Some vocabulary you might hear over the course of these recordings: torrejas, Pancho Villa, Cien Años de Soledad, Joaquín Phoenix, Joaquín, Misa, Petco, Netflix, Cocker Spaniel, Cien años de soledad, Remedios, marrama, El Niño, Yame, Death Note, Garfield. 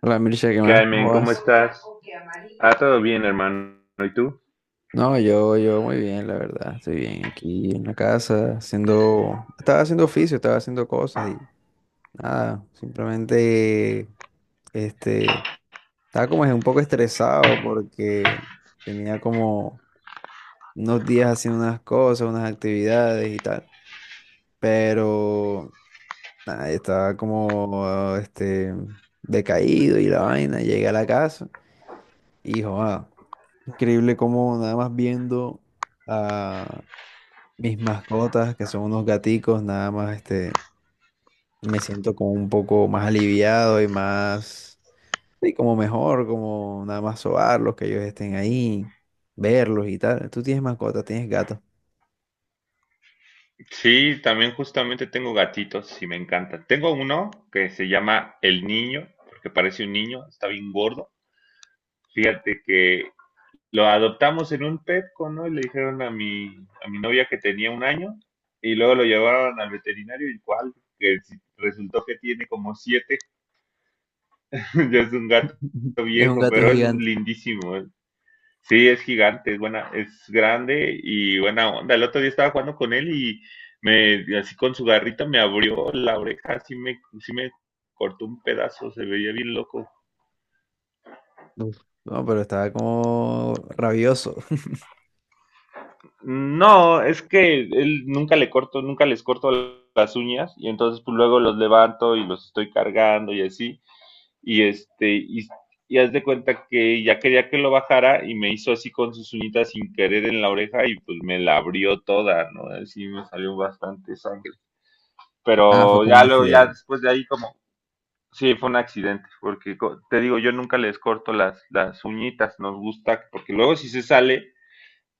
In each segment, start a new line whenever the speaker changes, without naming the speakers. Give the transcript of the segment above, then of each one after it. Hola Mircha, ¿qué más?
Carmen,
¿Cómo
¿cómo
vas?
estás? Ah, todo bien, hermano. ¿Y tú?
No, yo muy bien, la verdad. Estoy bien aquí en la casa, estaba haciendo oficio, estaba haciendo cosas y nada, simplemente, este, estaba como un poco estresado porque tenía como unos días haciendo unas cosas, unas actividades y tal, pero nada, estaba como, decaído y la vaina. Llegué a la casa. Y joda, increíble cómo nada más viendo a mis mascotas, que son unos gaticos, nada más me siento como un poco más aliviado y más, sí, como mejor, como nada más sobarlos, que ellos estén ahí, verlos y tal. Tú tienes mascotas, tienes gatos.
Sí, también justamente tengo gatitos y me encantan. Tengo uno que se llama El Niño, porque parece un niño, está bien gordo. Fíjate que lo adoptamos en un Petco, ¿no? Y le dijeron a mi novia que tenía un año y luego lo llevaron al veterinario igual, que sí, resultó que tiene como siete. Ya es un gato
Es un
viejo,
gato
pero es
gigante.
lindísimo. Sí, es gigante, es buena, es grande y buena onda. El otro día estaba jugando con él y me, así con su garrita me abrió la oreja, así me, sí me cortó un pedazo, se veía bien loco.
Uf. No, pero estaba como rabioso.
No, es que él nunca les corto las uñas y entonces pues luego los levanto y los estoy cargando y así. Y este, y, y haz de cuenta que ya quería que lo bajara y me hizo así con sus uñitas sin querer en la oreja y pues me la abrió toda, ¿no? Así me salió bastante sangre.
Ah, fue
Pero
como un
ya luego, ya
accidente.
después de ahí como, sí, fue un accidente, porque te digo, yo nunca les corto las uñitas, nos gusta, porque luego si se sale,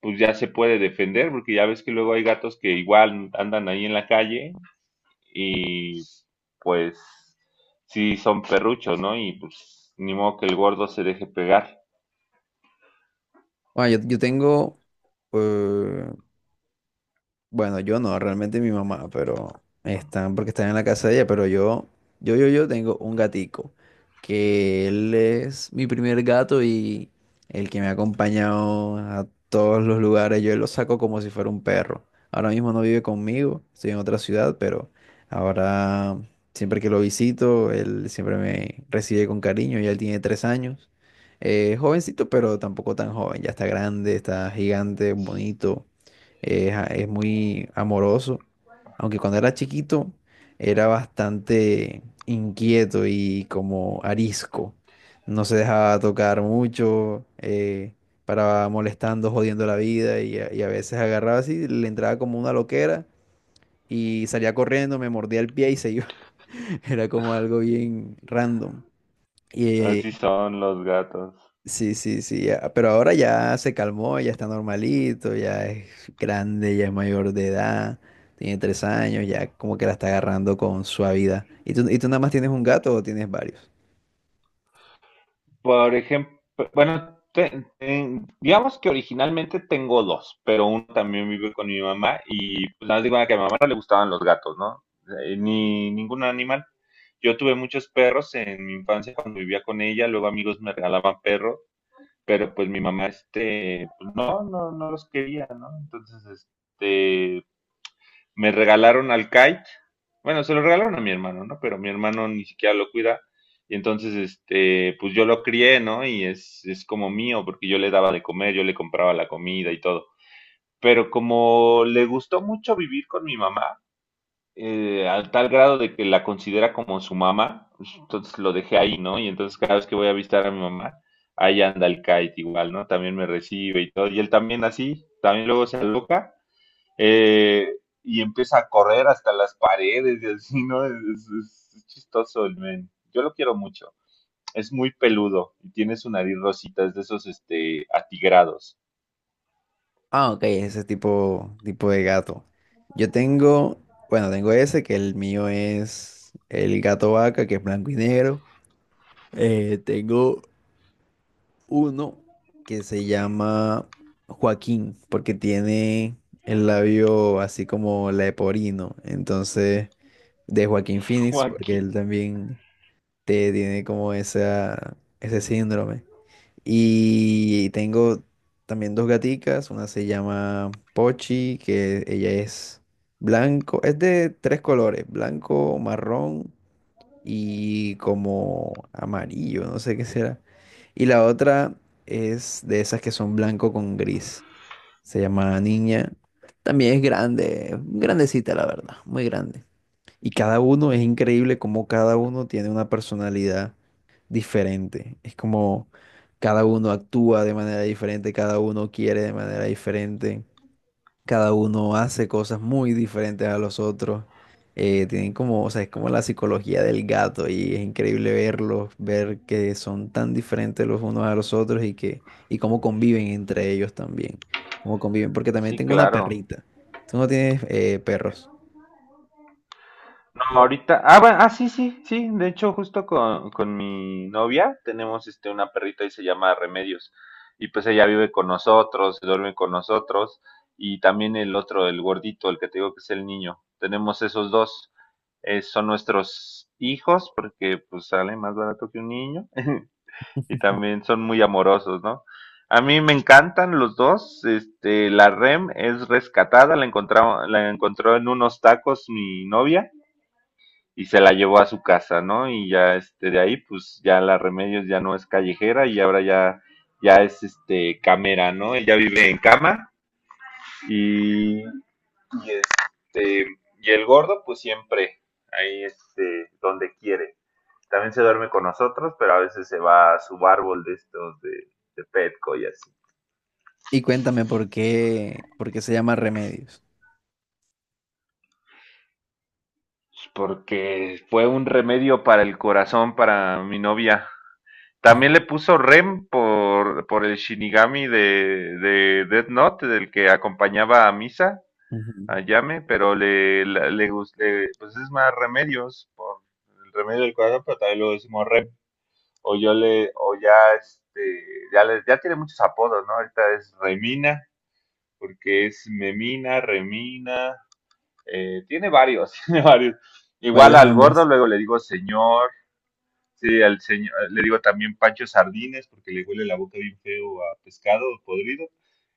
pues ya se puede defender, porque ya ves que luego hay gatos que igual andan ahí en la calle y pues sí son perruchos, ¿no? Y pues ni modo que el gordo se deje pegar.
Bueno, eh, Bueno, yo no, realmente mi mamá, pero están porque están en la casa de ella, pero yo tengo un gatico, que él es mi primer gato y el que me ha acompañado a todos los lugares, yo lo saco como si fuera un perro. Ahora mismo no vive conmigo, estoy en otra ciudad, pero ahora siempre que lo visito, él siempre me recibe con cariño, ya él tiene 3 años. Jovencito, pero tampoco tan joven, ya está grande, está gigante, bonito es, es muy amoroso, aunque cuando era chiquito era bastante inquieto y como arisco. No se dejaba tocar mucho, paraba molestando, jodiendo la vida y a veces agarraba así, le entraba como una loquera y salía corriendo, me mordía el pie y se iba. Era como algo bien random.
Así son los gatos.
Sí, sí, sí, ya, pero ahora ya se calmó, ya está normalito, ya es grande, ya es mayor de edad, tiene 3 años, ya como que la está agarrando con suavidad. Y tú nada más tienes un gato o tienes varios?
Por ejemplo, bueno, digamos que originalmente tengo dos, pero uno también vive con mi mamá y pues nada más digo ah, que a mi mamá no le gustaban los gatos, ¿no? Ni ningún animal. Yo tuve muchos perros en mi infancia cuando vivía con ella, luego amigos me regalaban perros, pero pues mi mamá, pues, no, no, no los quería, ¿no? Entonces, me regalaron al kite. Bueno, se lo regalaron a mi hermano, ¿no? Pero mi hermano ni siquiera lo cuida. Y entonces, pues yo lo crié, ¿no? Y es como mío, porque yo le daba de comer, yo le compraba la comida y todo. Pero como le gustó mucho vivir con mi mamá, al tal grado de que la considera como su mamá, pues, entonces lo dejé ahí, ¿no? Y entonces cada vez que voy a visitar a mi mamá, ahí anda el kite igual, ¿no? También me recibe y todo. Y él también así, también luego se aloca eh, y empieza a correr hasta las paredes y así, ¿no? Es chistoso el men. Yo lo quiero mucho. Es muy peludo y tiene su nariz rosita, es de esos atigrados.
Ah, ok, ese tipo, tipo de gato. Yo tengo, bueno, tengo ese, que el mío es el gato vaca, que es blanco y negro. Tengo uno que se llama Joaquín, porque tiene el labio así como leporino. Entonces, de Joaquín Phoenix, porque
Joaquín.
él también te tiene como esa, ese síndrome. Y tengo también dos gaticas, una se llama Pochi, que ella es blanco, es de tres colores, blanco, marrón y como amarillo, no sé qué será. Y la otra es de esas que son blanco con gris. Se llama Niña. También es grande, grandecita la verdad, muy grande. Y cada uno es increíble como cada uno tiene una personalidad diferente. Es como cada uno actúa de manera diferente, cada uno quiere de manera diferente, cada uno hace cosas muy diferentes a los otros. Tienen como, o sea, es como la psicología del gato y es increíble verlos, ver que son tan diferentes los unos a los otros y que, y cómo conviven entre ellos también. Cómo conviven, porque también
Sí,
tengo una, claro,
claro.
perrita. Tú no tienes, perros.
Ahorita, ah, bueno, ah, sí, sí, sí, de hecho, justo con, mi novia tenemos una perrita y se llama Remedios. Y pues ella vive con nosotros, duerme con nosotros, y también el otro, el gordito, el que te digo que es el niño. Tenemos esos dos, son nuestros hijos, porque pues sale más barato que un niño, y también son muy amorosos, ¿no? A mí me encantan los dos, la Rem es rescatada, la encontró en unos tacos mi novia y se la llevó a su casa, ¿no? Y ya de ahí, pues ya la Remedios ya no es callejera y ahora ya es camera, ¿no? Ella vive en cama y, y este y el gordo, pues siempre ahí donde quiere. También se duerme con nosotros, pero a veces se va a su árbol de estos de, Petco y así.
Y cuéntame por qué, se llama Remedios.
Porque fue un remedio para el corazón para mi novia.
Ujú.
También le puso Rem por, el Shinigami de Death Note, del que acompañaba a Misa,
Ujú.
a Yame, pero pues es más remedios por el remedio del cuadro, pero también lo decimos Rem. O yo le, o ya este, ya le- ya tiene muchos apodos, ¿no? Ahorita es Remina, porque es Memina, Remina, tiene varios, tiene varios. Igual
Varios
al gordo,
nombres.
luego le digo señor. Sí, al señor, le digo también Pancho Sardines, porque le huele la boca bien feo a pescado podrido.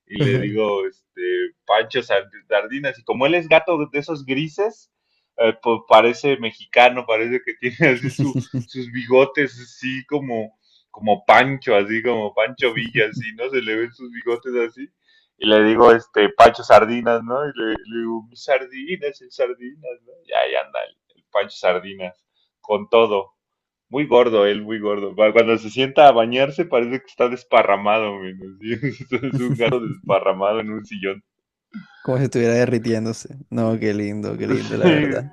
Y le digo, Pancho Sardinas. Y como él es gato de esos grises, pues parece mexicano, parece que tiene así su, sus bigotes, así como Pancho, así como Pancho Villa, así, ¿no? Se le ven sus bigotes así. Y le digo, Pancho Sardinas, ¿no? Y le digo, mis sardinas, el sardinas, ¿no? Y ahí anda el Pancho Sardinas, con todo. Muy gordo él, muy gordo. Cuando se sienta a bañarse parece que está desparramado, menos. Es un gato desparramado en un sillón.
Como si estuviera derritiéndose. No, qué lindo, la
Sí.
verdad.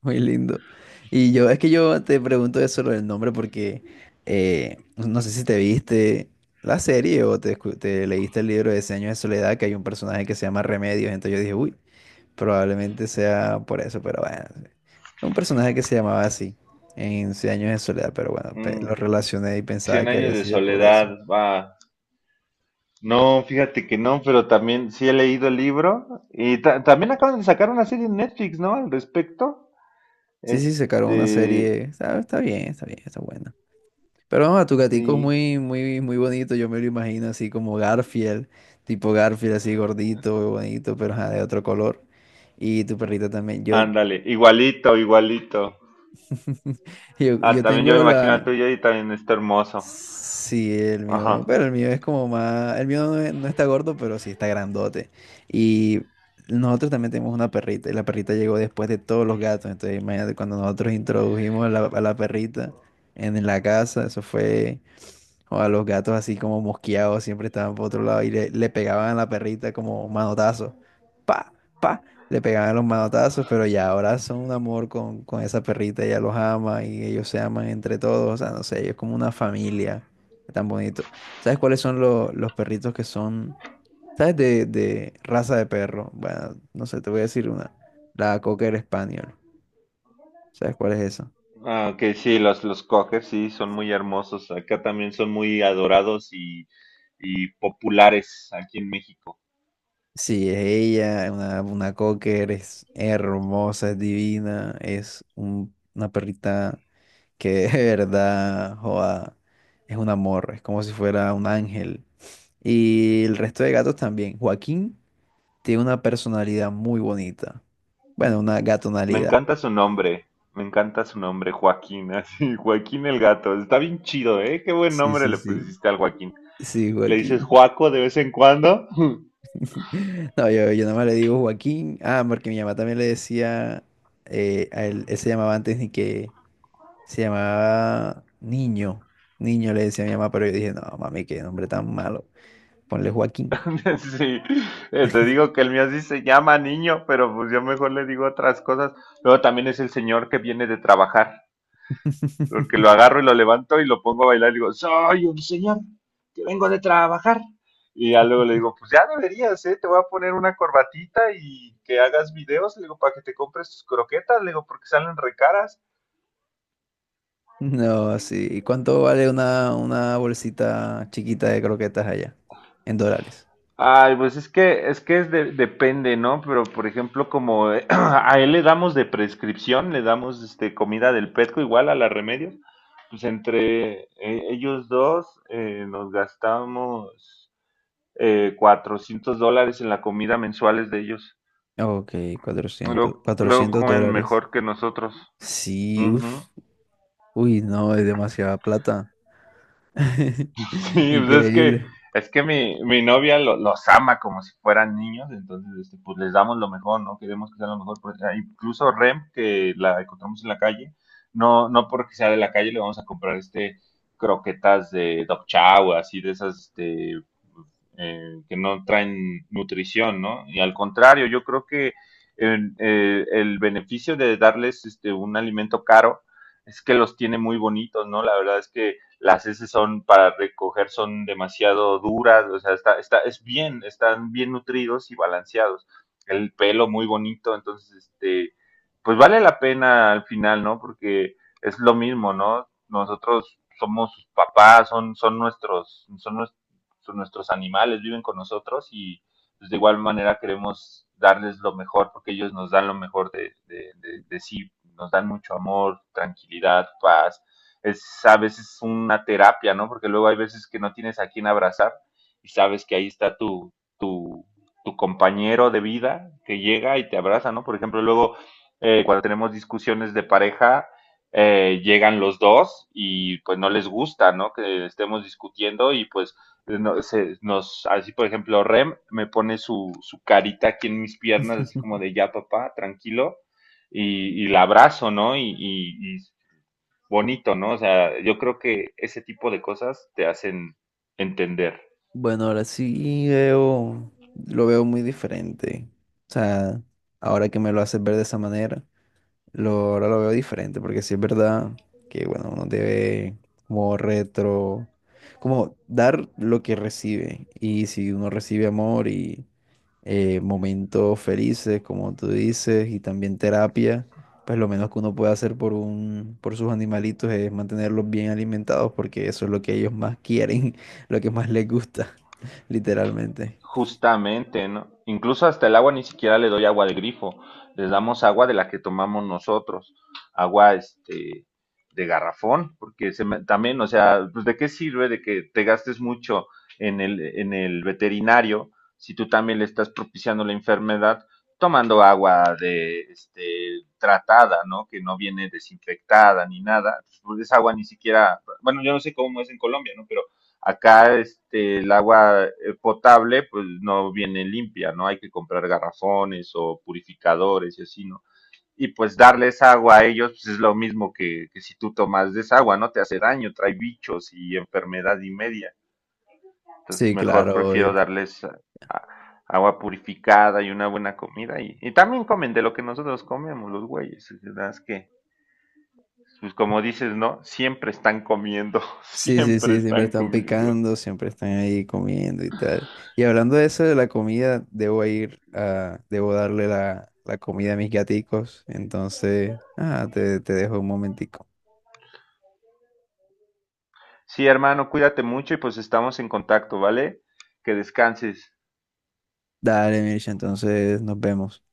Muy lindo. Y yo, es que yo te pregunto eso lo del nombre porque, no sé si te viste la serie o te leíste el libro de Seños de Soledad, que hay un personaje que se llama Remedios. Entonces yo dije, uy, probablemente sea por eso, pero bueno. Sí. Un personaje que se llamaba así en Cien Años de Soledad, pero bueno,
Mm,
lo relacioné y pensaba
Cien
que
años
había
de
sido por eso.
soledad, va. No, fíjate que no, pero también sí he leído el libro. Y también acaban de sacar una serie en Netflix, ¿no? Al respecto.
Sí, sí, sacaron una
Este,
serie. Está bien, está bien, está buena. Pero no, tu gatico es
sí.
muy, muy, muy bonito. Yo me lo imagino así como Garfield, tipo Garfield, así gordito, bonito, pero ajá, de otro color. Y tu perrito también. Yo,
Ándale, igualito, igualito.
yo,
Ah,
yo
también yo me
tengo
imagino al
la.
tuyo y también está hermoso.
Sí, el
Ajá.
mío. Pero el mío es como más. El mío no, no está gordo, pero sí está grandote. Y nosotros también tenemos una perrita. Y la perrita llegó después de todos los gatos. Entonces, imagínate cuando nosotros introdujimos a la perrita en la casa, eso fue. O a los gatos así como mosqueados, siempre estaban por otro lado y le pegaban a la perrita como manotazos. Pa, pa, le pegaban los manotazos, pero ya ahora son un amor con esa perrita, ella los ama y ellos se aman entre todos, o sea, no sé, ellos como una familia, tan bonito. ¿Sabes cuáles son los perritos que son, sabes, de raza de perro? Bueno, no sé, te voy a decir una, la Cocker Spaniel, ¿sabes cuál es esa?
Ah, ok, sí, los, cocker sí son muy hermosos. Acá también son muy adorados y populares aquí en México.
Sí, es ella, una cocker, es hermosa, es divina, es una perrita que de verdad, joda, es un amor, es como si fuera un ángel. Y el resto de gatos también. Joaquín tiene una personalidad muy bonita. Bueno, una
Me
gatonalidad.
encanta su nombre, me encanta su nombre, Joaquín, así, Joaquín el gato. Está bien chido, ¿eh? Qué buen
Sí,
nombre
sí,
le
sí.
pusiste al Joaquín.
Sí,
¿Le dices
Joaquín.
Joaco de vez en cuando?
No, yo nada más le digo Joaquín. Ah, porque mi mamá también le decía, a él se llamaba antes Nique. Se llamaba Niño. Niño le decía a mi mamá, pero yo dije, no, mami, qué nombre tan malo. Ponle Joaquín.
Sí, te digo que el mío sí se llama niño, pero pues yo mejor le digo otras cosas. Luego también es el señor que viene de trabajar. Porque lo agarro y lo levanto y lo pongo a bailar y digo, soy un señor que vengo de trabajar. Y ya luego le digo, pues ya deberías, ¿eh? Te voy a poner una corbatita y que hagas videos, le digo, para que te compres tus croquetas, le digo, porque salen recaras.
No, sí. ¿Y cuánto vale una bolsita chiquita de croquetas allá? En dólares.
Ay, pues es que, es depende, ¿no? Pero por ejemplo, como a él le damos de prescripción, le damos comida del Petco igual a la remedio, pues entre ellos dos nos gastamos $400 en la comida mensuales de ellos.
Ok, cuatrocientos
Luego, luego
cuatrocientos
comen
dólares.
mejor que nosotros.
Sí,
Ujú.
uff. Uy, no, es demasiada plata.
Sí, pues es que,
Increíble.
es que mi novia los ama como si fueran niños, entonces pues les damos lo mejor, ¿no? Queremos que sea lo mejor. Incluso Rem, que la encontramos en la calle, no, no porque sea de la calle le vamos a comprar croquetas de dog chow, así de esas que no traen nutrición, ¿no? Y al contrario, yo creo que el beneficio de darles un alimento caro es que los tiene muy bonitos, ¿no? La verdad es que las S son para recoger son demasiado duras, o sea, están bien nutridos y balanceados. El pelo muy bonito, entonces, pues vale la pena al final, ¿no? Porque es lo mismo, ¿no? Nosotros somos sus papás, son nuestros animales, viven con nosotros y pues, de igual manera queremos darles lo mejor porque ellos nos dan lo mejor de, de sí, nos dan mucho amor, tranquilidad, paz, es a veces una terapia, ¿no? Porque luego hay veces que no tienes a quién abrazar y sabes que ahí está tu, tu, tu compañero de vida que llega y te abraza, ¿no? Por ejemplo, luego cuando tenemos discusiones de pareja, llegan los dos y pues no les gusta, ¿no? Que estemos discutiendo y pues no, se, nos, así por ejemplo, Rem me pone su, carita aquí en mis piernas, así como de ya papá, tranquilo, y la abrazo, ¿no? Y bonito, ¿no? O sea, yo creo que ese tipo de cosas te hacen entender.
Bueno, ahora sí veo, lo veo muy diferente. O sea, ahora que me lo haces ver de esa manera. Lo, ahora lo veo diferente, porque sí es verdad que, bueno, uno debe como retro, como dar lo que recibe. Y si uno recibe amor y, momentos felices, como tú dices, y también terapia, pues lo menos que uno puede hacer por sus animalitos es mantenerlos bien alimentados, porque eso es lo que ellos más quieren, lo que más les gusta, literalmente.
Justamente, ¿no? Incluso hasta el agua ni siquiera le doy agua de grifo, les damos agua de la que tomamos nosotros, agua de garrafón, porque también, o sea, pues de qué sirve de que te gastes mucho en el veterinario si tú también le estás propiciando la enfermedad tomando agua de tratada, ¿no? Que no viene desinfectada ni nada, pues esa agua ni siquiera, bueno, yo no sé cómo es en Colombia, ¿no? Pero acá el agua potable pues no viene limpia, ¿no? Hay que comprar garrafones o purificadores y así, ¿no? Y pues darles agua a ellos pues, es lo mismo que, si tú tomas desagua, ¿no? Te hace daño, trae bichos y enfermedad y media. Entonces
Sí,
mejor
claro, obvio.
prefiero darles a- agua purificada y una buena comida. Y también comen de lo que nosotros comemos, los güeyes. Es verdad que, pues como dices, ¿no? Siempre están comiendo,
Sí, sí,
siempre
sí, siempre
están
están
comiendo.
picando, siempre están ahí comiendo y tal. Y hablando de eso de la comida, debo ir a, debo darle la comida a mis gaticos. Entonces, ah, te dejo un momentico.
Sí, hermano, cuídate mucho y pues estamos en contacto, ¿vale? Que descanses.
Dale, Mircha, entonces nos vemos.